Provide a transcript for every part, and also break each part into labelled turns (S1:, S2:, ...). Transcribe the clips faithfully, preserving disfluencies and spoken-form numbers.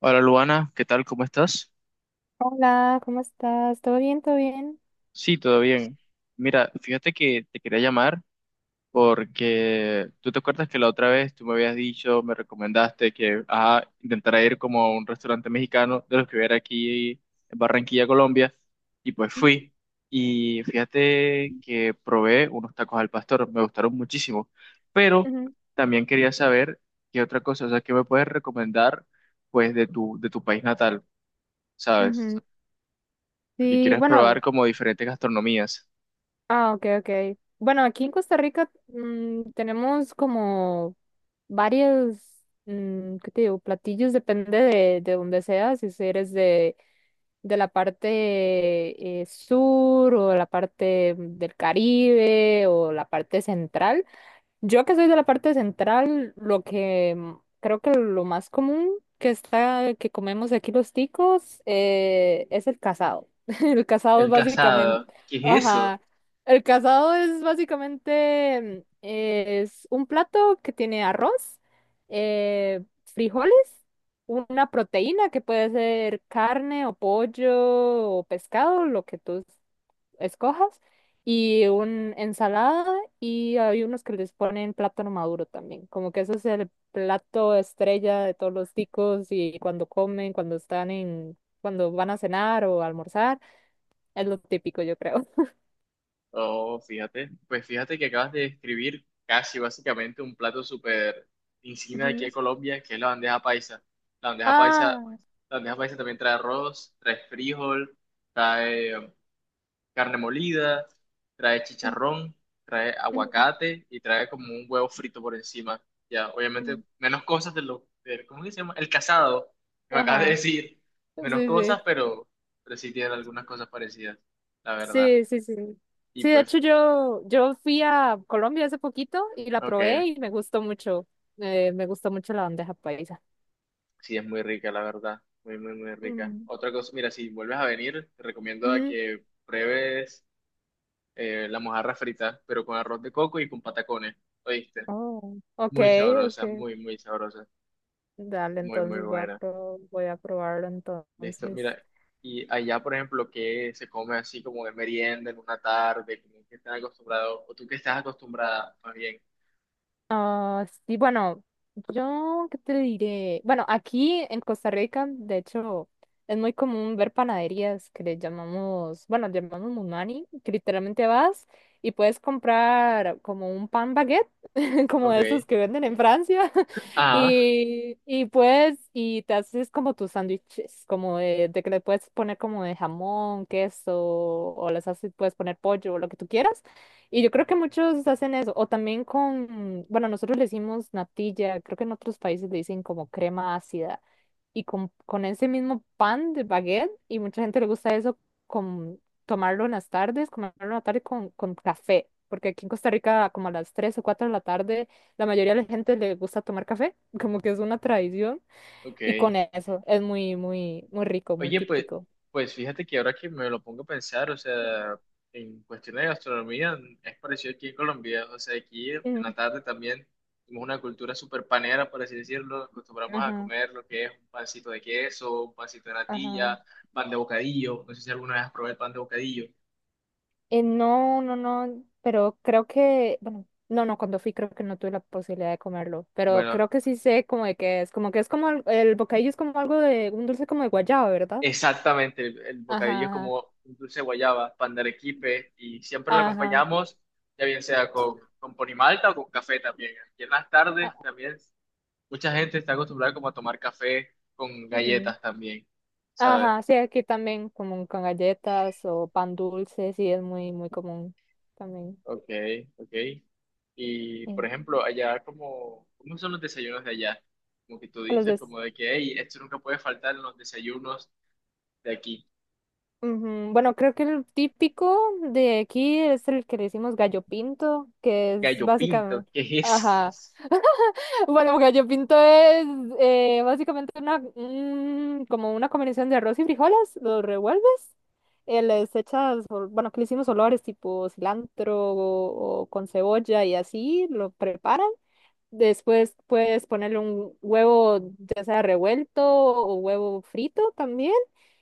S1: Hola Luana, ¿qué tal? ¿Cómo estás?
S2: Hola, ¿cómo estás? ¿Todo bien? ¿Todo bien?
S1: Sí, todo bien. Mira, fíjate que te quería llamar porque tú te acuerdas que la otra vez tú me habías dicho, me recomendaste que ah, intentara ir como a un restaurante mexicano de los que hubiera aquí en Barranquilla, Colombia, y pues
S2: Ujú,
S1: fui. Y fíjate que probé unos tacos al pastor, me gustaron muchísimo, pero
S2: ujú.
S1: también quería saber qué otra cosa, o sea, qué me puedes recomendar pues de tu, de tu país natal, ¿sabes?
S2: Ujú.
S1: Porque
S2: Sí,
S1: quieres
S2: bueno,
S1: probar como diferentes gastronomías.
S2: ah, ok, ok. Bueno, aquí en Costa Rica mm, tenemos como varios, mm, ¿qué te digo? Platillos, depende de, de donde seas, si eres de, de la parte eh, sur o la parte del Caribe o la parte central. Yo que soy de la parte central, lo que mm, creo que lo más común que está, que comemos aquí los ticos, eh, es el casado. El casado
S1: El
S2: es básicamente,
S1: casado. ¿Qué es eso?
S2: ajá, el casado es básicamente, mm, es un plato que tiene arroz, eh, frijoles, una proteína que puede ser carne o pollo o pescado, lo que tú escojas, y una ensalada, y hay unos que les ponen plátano maduro también, como que ese es el plato estrella de todos los ticos y cuando comen, cuando están en, cuando van a cenar o almorzar, es lo típico, yo creo.
S1: Oh, fíjate, pues fíjate que acabas de describir casi básicamente un plato súper insignia de aquí
S2: Ujú.
S1: de Colombia, que es la bandeja paisa. La bandeja paisa,
S2: Ah,
S1: la bandeja paisa también trae arroz, trae frijol, trae carne molida, trae
S2: ujú,
S1: chicharrón, trae
S2: ujú,
S1: aguacate y trae como un huevo frito por encima. Ya, obviamente,
S2: ujú.
S1: menos cosas de lo, de- ¿cómo que se llama? El casado, que me acabas de
S2: Ajá,
S1: decir.
S2: sí,
S1: Menos cosas,
S2: sí,
S1: pero, pero sí tienen algunas cosas parecidas, la verdad.
S2: sí, sí, sí.
S1: Y
S2: Sí, de
S1: pues,
S2: hecho yo, yo fui a Colombia hace poquito y la
S1: ok,
S2: probé y me gustó mucho, eh, me gustó mucho la bandeja paisa.
S1: sí, es muy rica, la verdad. Muy, muy, muy rica.
S2: Mm.
S1: Otra cosa, mira, si vuelves a venir, te recomiendo a
S2: Ujú.
S1: que pruebes eh, la mojarra frita, pero con arroz de coco y con patacones, ¿oíste?
S2: Oh, ok,
S1: Muy sabrosa,
S2: ok.
S1: muy, muy sabrosa.
S2: Dale,
S1: Muy, muy
S2: entonces voy a,
S1: buena.
S2: pro- voy a probarlo
S1: Listo,
S2: entonces.
S1: mira, y allá, por ejemplo, que se come así como de merienda en una tarde, como que están acostumbrados, o tú que estás acostumbrada, más bien.
S2: Ah, sí, bueno, yo qué te diré. Bueno, aquí en Costa Rica, de hecho, es muy común ver panaderías que le llamamos, bueno, le llamamos munani, que literalmente vas y puedes comprar como un pan baguette, como esos
S1: Ok.
S2: que venden en Francia,
S1: Ah,
S2: y, y puedes, y te haces como tus sándwiches, como de, de que le puedes poner como de jamón, queso, o les haces, puedes poner pollo, o lo que tú quieras. Y yo creo que muchos hacen eso, o también con, bueno, nosotros le decimos natilla, creo que en otros países le dicen como crema ácida, y con, con ese mismo pan de baguette, y mucha gente le gusta eso, con tomarlo en las tardes, comerlo en la tarde con, con café, porque aquí en Costa Rica como a las tres o cuatro de la tarde, la mayoría de la gente le gusta tomar café, como que es una tradición, y con
S1: ok.
S2: eso es muy, muy, muy rico, muy
S1: Oye, pues,
S2: típico.
S1: pues fíjate que ahora que me lo pongo a pensar, o sea, en cuestiones de gastronomía, es parecido aquí en Colombia, o sea, aquí en
S2: Mm.
S1: la tarde también tenemos una cultura súper panera, por así decirlo, acostumbramos a
S2: Ajá,
S1: comer lo que es un pancito de queso, un pancito de
S2: ajá.
S1: natilla, pan de bocadillo, no sé si alguna vez has probado el pan de bocadillo.
S2: Eh, no, no, no, pero creo que, bueno, no, no, cuando fui creo que no tuve la posibilidad de comerlo, pero
S1: Bueno,
S2: creo que sí sé como de qué es, como que es como al- el, bocadillo es como algo de, un dulce como de guayaba, ¿verdad?
S1: exactamente, el, el bocadillo
S2: Ajá,
S1: es
S2: ajá,
S1: como un dulce de guayaba, pan de arequipe, y siempre lo
S2: ajá,
S1: acompañamos, ya bien sea con, con ponimalta o con café también. Aquí en las tardes
S2: ah,
S1: también mucha gente está acostumbrada como a tomar café con
S2: ujú.
S1: galletas también, ¿sabes?
S2: Ajá, sí, aquí también como con galletas o pan dulce, sí, es muy, muy común también.
S1: Ok, ok. Y, por
S2: Sí.
S1: ejemplo, allá como, ¿cómo son los desayunos de allá? Como que tú
S2: Los
S1: dices
S2: des-
S1: como de que, hey, esto nunca puede faltar en los desayunos de aquí.
S2: Ujú. Bueno, creo que el típico de aquí es el que le decimos gallo pinto, que es
S1: Gallo pinto,
S2: básicamente...
S1: ¿qué es
S2: Ajá.
S1: eso?
S2: Bueno, porque yo pinto es eh, básicamente una, un- como una combinación de arroz y frijoles, los revuelves, eh, les echas, ol- bueno, que le hicimos olores tipo cilantro o, o con cebolla y así, lo preparan. Después puedes ponerle un huevo, ya sea revuelto o huevo frito también.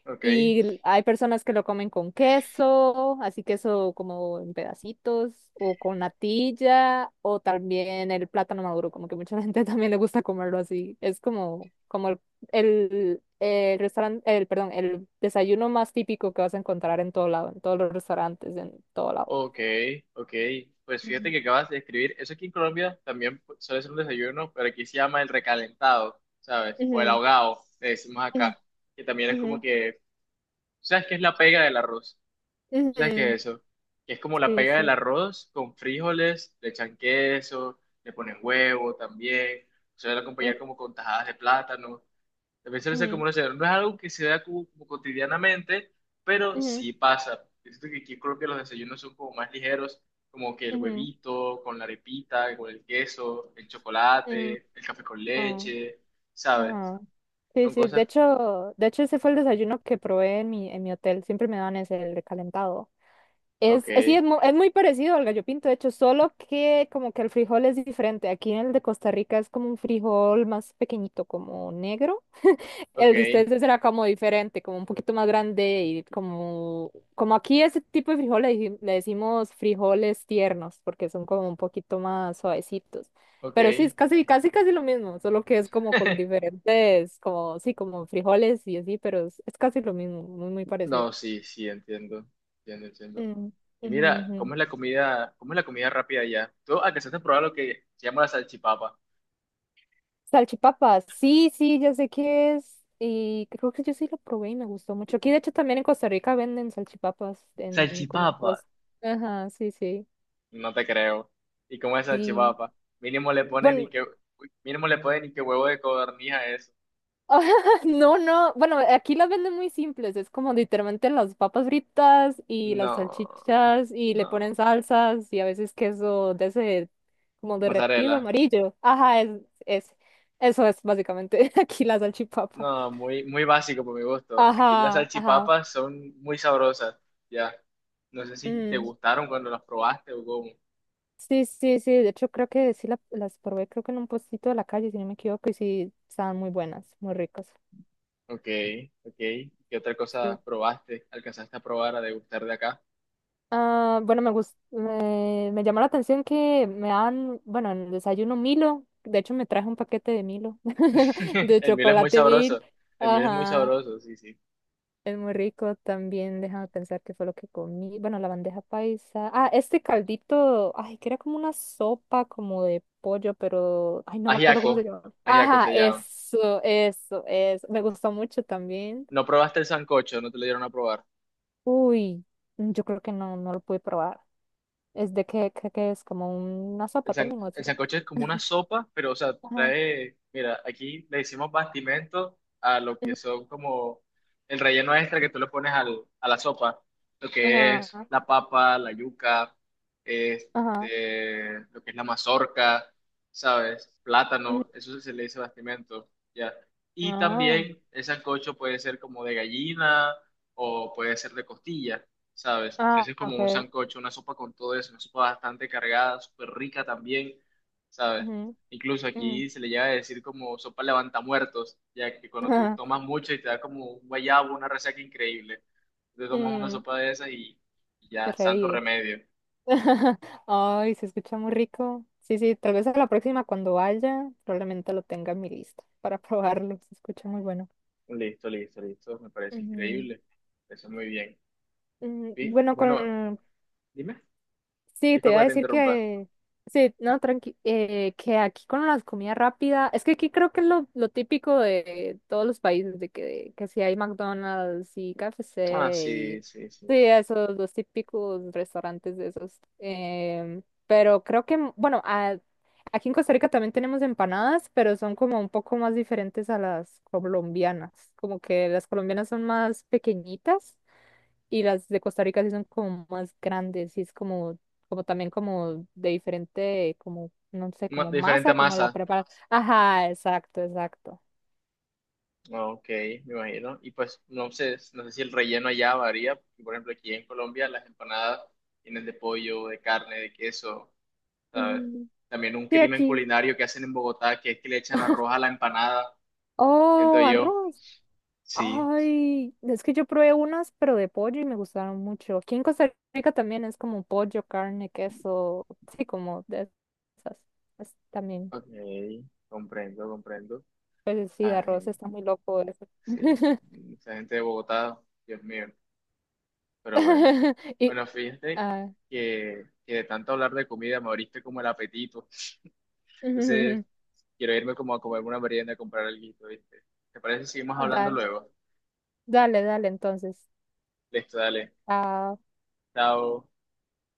S1: Ok.
S2: Y hay personas que lo comen con queso, así queso como en pedacitos, o con natilla, o también el plátano maduro, como que mucha gente también le gusta comerlo así. Es como, como el, el, el, restaurante, el, perdón, el desayuno más típico que vas a encontrar en todo lado, en todos los restaurantes, en todo lado.
S1: Ok, ok. Pues
S2: Ujú.
S1: fíjate que acabas de escribir, eso aquí en Colombia también pu- suele ser un desayuno, pero aquí se llama el recalentado, ¿sabes? O el
S2: Ujú,
S1: ahogado, le decimos acá, que también es como
S2: ujú,
S1: que, ¿tú sabes qué es la pega del arroz?
S2: ujú,
S1: ¿Tú sabes qué
S2: ujú.
S1: es eso? Que es como la
S2: Sí,
S1: pega del
S2: sí.
S1: arroz con frijoles, le echan queso, le ponen huevo también, suele
S2: Ujú,
S1: acompañar como con tajadas de plátano. La violencia es como una señal. No es algo que se da como, como cotidianamente, pero
S2: ujú,
S1: sí pasa. Siento que aquí creo que los desayunos son como más ligeros, como que el
S2: ujú,
S1: huevito con la arepita, con el queso, el
S2: ujú, ujú.
S1: chocolate, el café con
S2: Ah.
S1: leche, ¿sabes?
S2: Ajá. Sí,
S1: Son
S2: sí, de
S1: cosas...
S2: hecho, de hecho ese fue el desayuno que probé en mi, en mi hotel, siempre me dan ese, el recalentado.
S1: Ok,
S2: Es, es, sí, es, mu- es muy parecido al gallo pinto, de hecho, solo que como que el frijol es diferente. Aquí en el de Costa Rica es como un frijol más pequeñito, como negro. El de
S1: ok,
S2: ustedes será como diferente, como un poquito más grande y como, como aquí ese tipo de frijoles le, le decimos frijoles tiernos porque son como un poquito más suavecitos.
S1: ok.
S2: Pero sí, es casi, casi, casi lo mismo, solo que es como con diferentes, como, sí, como frijoles y así, pero es, es casi lo mismo, muy, muy parecido.
S1: No, sí, sí, entiendo, entiendo, entiendo.
S2: Mm,
S1: Y
S2: ujú,
S1: mira, ¿cómo
S2: ujú.
S1: es la comida, cómo es la comida rápida allá? Tú alcanzaste a probar lo que se llama la salchipapa.
S2: Salchipapa, sí, sí, ya sé qué es. Y creo que yo sí lo probé y me gustó mucho. Aquí, de hecho, también en Costa Rica venden salchipapas en como
S1: Salchipapa,
S2: pues. Ajá, sí, sí.
S1: no te creo. ¿Y cómo es
S2: Sí.
S1: salchipapa? Mínimo le ponen ni
S2: Bueno,
S1: que, uy, mínimo le ponen ni que huevo de codorniz a eso.
S2: no, no. Bueno, aquí las venden muy simples. Es como literalmente las papas fritas y las
S1: No,
S2: salchichas y le ponen
S1: no.
S2: salsas y a veces queso de ese como derretido
S1: Mozzarella.
S2: amarillo. Ajá, es, es, eso es básicamente aquí la salchipapa.
S1: No, muy, muy básico por mi gusto. Aquí las
S2: Ajá, ajá.
S1: salchipapas son muy sabrosas. Ya. No sé si te
S2: mm,
S1: gustaron cuando las probaste o cómo.
S2: Sí, sí, sí. De hecho, creo que sí la- las probé, creo que en un puestito de la calle, si no me equivoco, y sí, estaban muy buenas, muy ricas.
S1: Ok, ok. ¿Qué otra
S2: Sí.
S1: cosa probaste? ¿Alcanzaste a probar a degustar de acá?
S2: Ah, bueno, me gusta, me, me llamó la atención que me dan, bueno, en el desayuno Milo. De hecho, me traje un paquete de Milo, de
S1: El miel es muy
S2: chocolate Mil.
S1: sabroso. El miel es muy
S2: Ajá,
S1: sabroso, sí, sí.
S2: es muy rico también. Déjame pensar qué fue lo que comí. Bueno, la bandeja paisa. Ah, este caldito, ay, que era como una sopa como de pollo, pero, ay, no me acuerdo cómo se
S1: Ajiaco.
S2: llama.
S1: Ajiaco
S2: Ajá,
S1: se llama.
S2: eso, eso, eso. Me gustó mucho también.
S1: No probaste el sancocho, no te lo dieron a probar.
S2: Uy, yo creo que no, no lo pude probar. Es de que, que, que es como una
S1: El,
S2: sopa
S1: san-
S2: también, o
S1: el
S2: etcétera.
S1: sancocho es como una sopa, pero, o sea,
S2: Ajá.
S1: trae, mira, aquí le decimos bastimento a lo que
S2: Ujú.
S1: son como el relleno extra que tú le pones al, a la sopa, lo que
S2: Ajá.
S1: es la papa, la yuca,
S2: Ajá.
S1: este, lo que es la mazorca, ¿sabes?
S2: Ujú.
S1: Plátano, eso se le dice bastimento, ¿ya? Y
S2: Ah,
S1: también el sancocho puede ser como de gallina o puede ser de costilla. ¿Sabes?
S2: ah,
S1: Ese es como un
S2: ok.
S1: sancocho, una sopa con todo eso, una sopa bastante cargada, súper rica también, ¿sabes?
S2: Ujú,
S1: Incluso
S2: ujú,
S1: aquí se le llega a decir como sopa levantamuertos, ya que cuando tú
S2: ajá,
S1: tomas mucho y te da como un guayabo, una resaca increíble, te tomas una
S2: mm.
S1: sopa de esas y, y
S2: Te
S1: ya, santo
S2: revive.
S1: remedio.
S2: Ay, se escucha muy rico. Sí, sí, tal vez a la próxima cuando vaya, probablemente lo tenga en mi lista para probarlo. Se escucha muy bueno.
S1: Listo, listo, listo, me parece
S2: Ujú,
S1: increíble, eso muy bien.
S2: ujú.
S1: Y,
S2: Bueno,
S1: bueno,
S2: con.
S1: dime,
S2: Sí, te
S1: disculpa
S2: iba a
S1: que te
S2: decir
S1: interrumpa.
S2: que, sí, no, tranqui, eh, que aquí con las comidas rápidas, es que aquí creo que es lo, lo típico de todos los países, de que, que si hay McDonald's y
S1: Ah,
S2: K F C
S1: sí,
S2: y,
S1: sí, sí.
S2: sí, esos, los típicos restaurantes de esos. Em, pero creo que, bueno, a- aquí en Costa Rica también tenemos empanadas, pero son como un poco más diferentes a las colombianas, como que las colombianas son más pequeñitas y las de Costa Rica sí son como más grandes y es como, como también como de diferente, como, no sé,
S1: Ma-
S2: como
S1: diferente
S2: masa, como la
S1: masa.
S2: preparan. Ajá, exacto, exacto.
S1: Ah, ok, me imagino. Y pues no sé, no sé si el relleno allá varía. Porque, por ejemplo, aquí en Colombia las empanadas tienen de pollo, de carne, de queso, ¿sabes?
S2: Mm.
S1: También un
S2: Sí,
S1: crimen
S2: aquí.
S1: culinario que hacen en Bogotá, que es que le echan arroz a la empanada, siento
S2: Oh,
S1: yo.
S2: arroz.
S1: Sí,
S2: Ay, es que yo probé unas, pero de pollo y me gustaron mucho. Aquí en Costa Rica también es como pollo, carne, queso, sí, como de esas. Es también,
S1: ok, comprendo, comprendo.
S2: pues sí, de arroz
S1: Ay,
S2: está muy loco eso.
S1: sí, esa gente de Bogotá, Dios mío. Pero bueno,
S2: Y,
S1: bueno, fíjate
S2: ah,
S1: que, que de tanto hablar de comida me abriste como el apetito. Entonces... Quiero irme como a comer una merienda, a comprar algo, ¿viste? ¿Te parece si seguimos hablando
S2: dale.
S1: luego?
S2: Dale, dale, entonces.
S1: Listo, dale.
S2: Ah,
S1: Chao.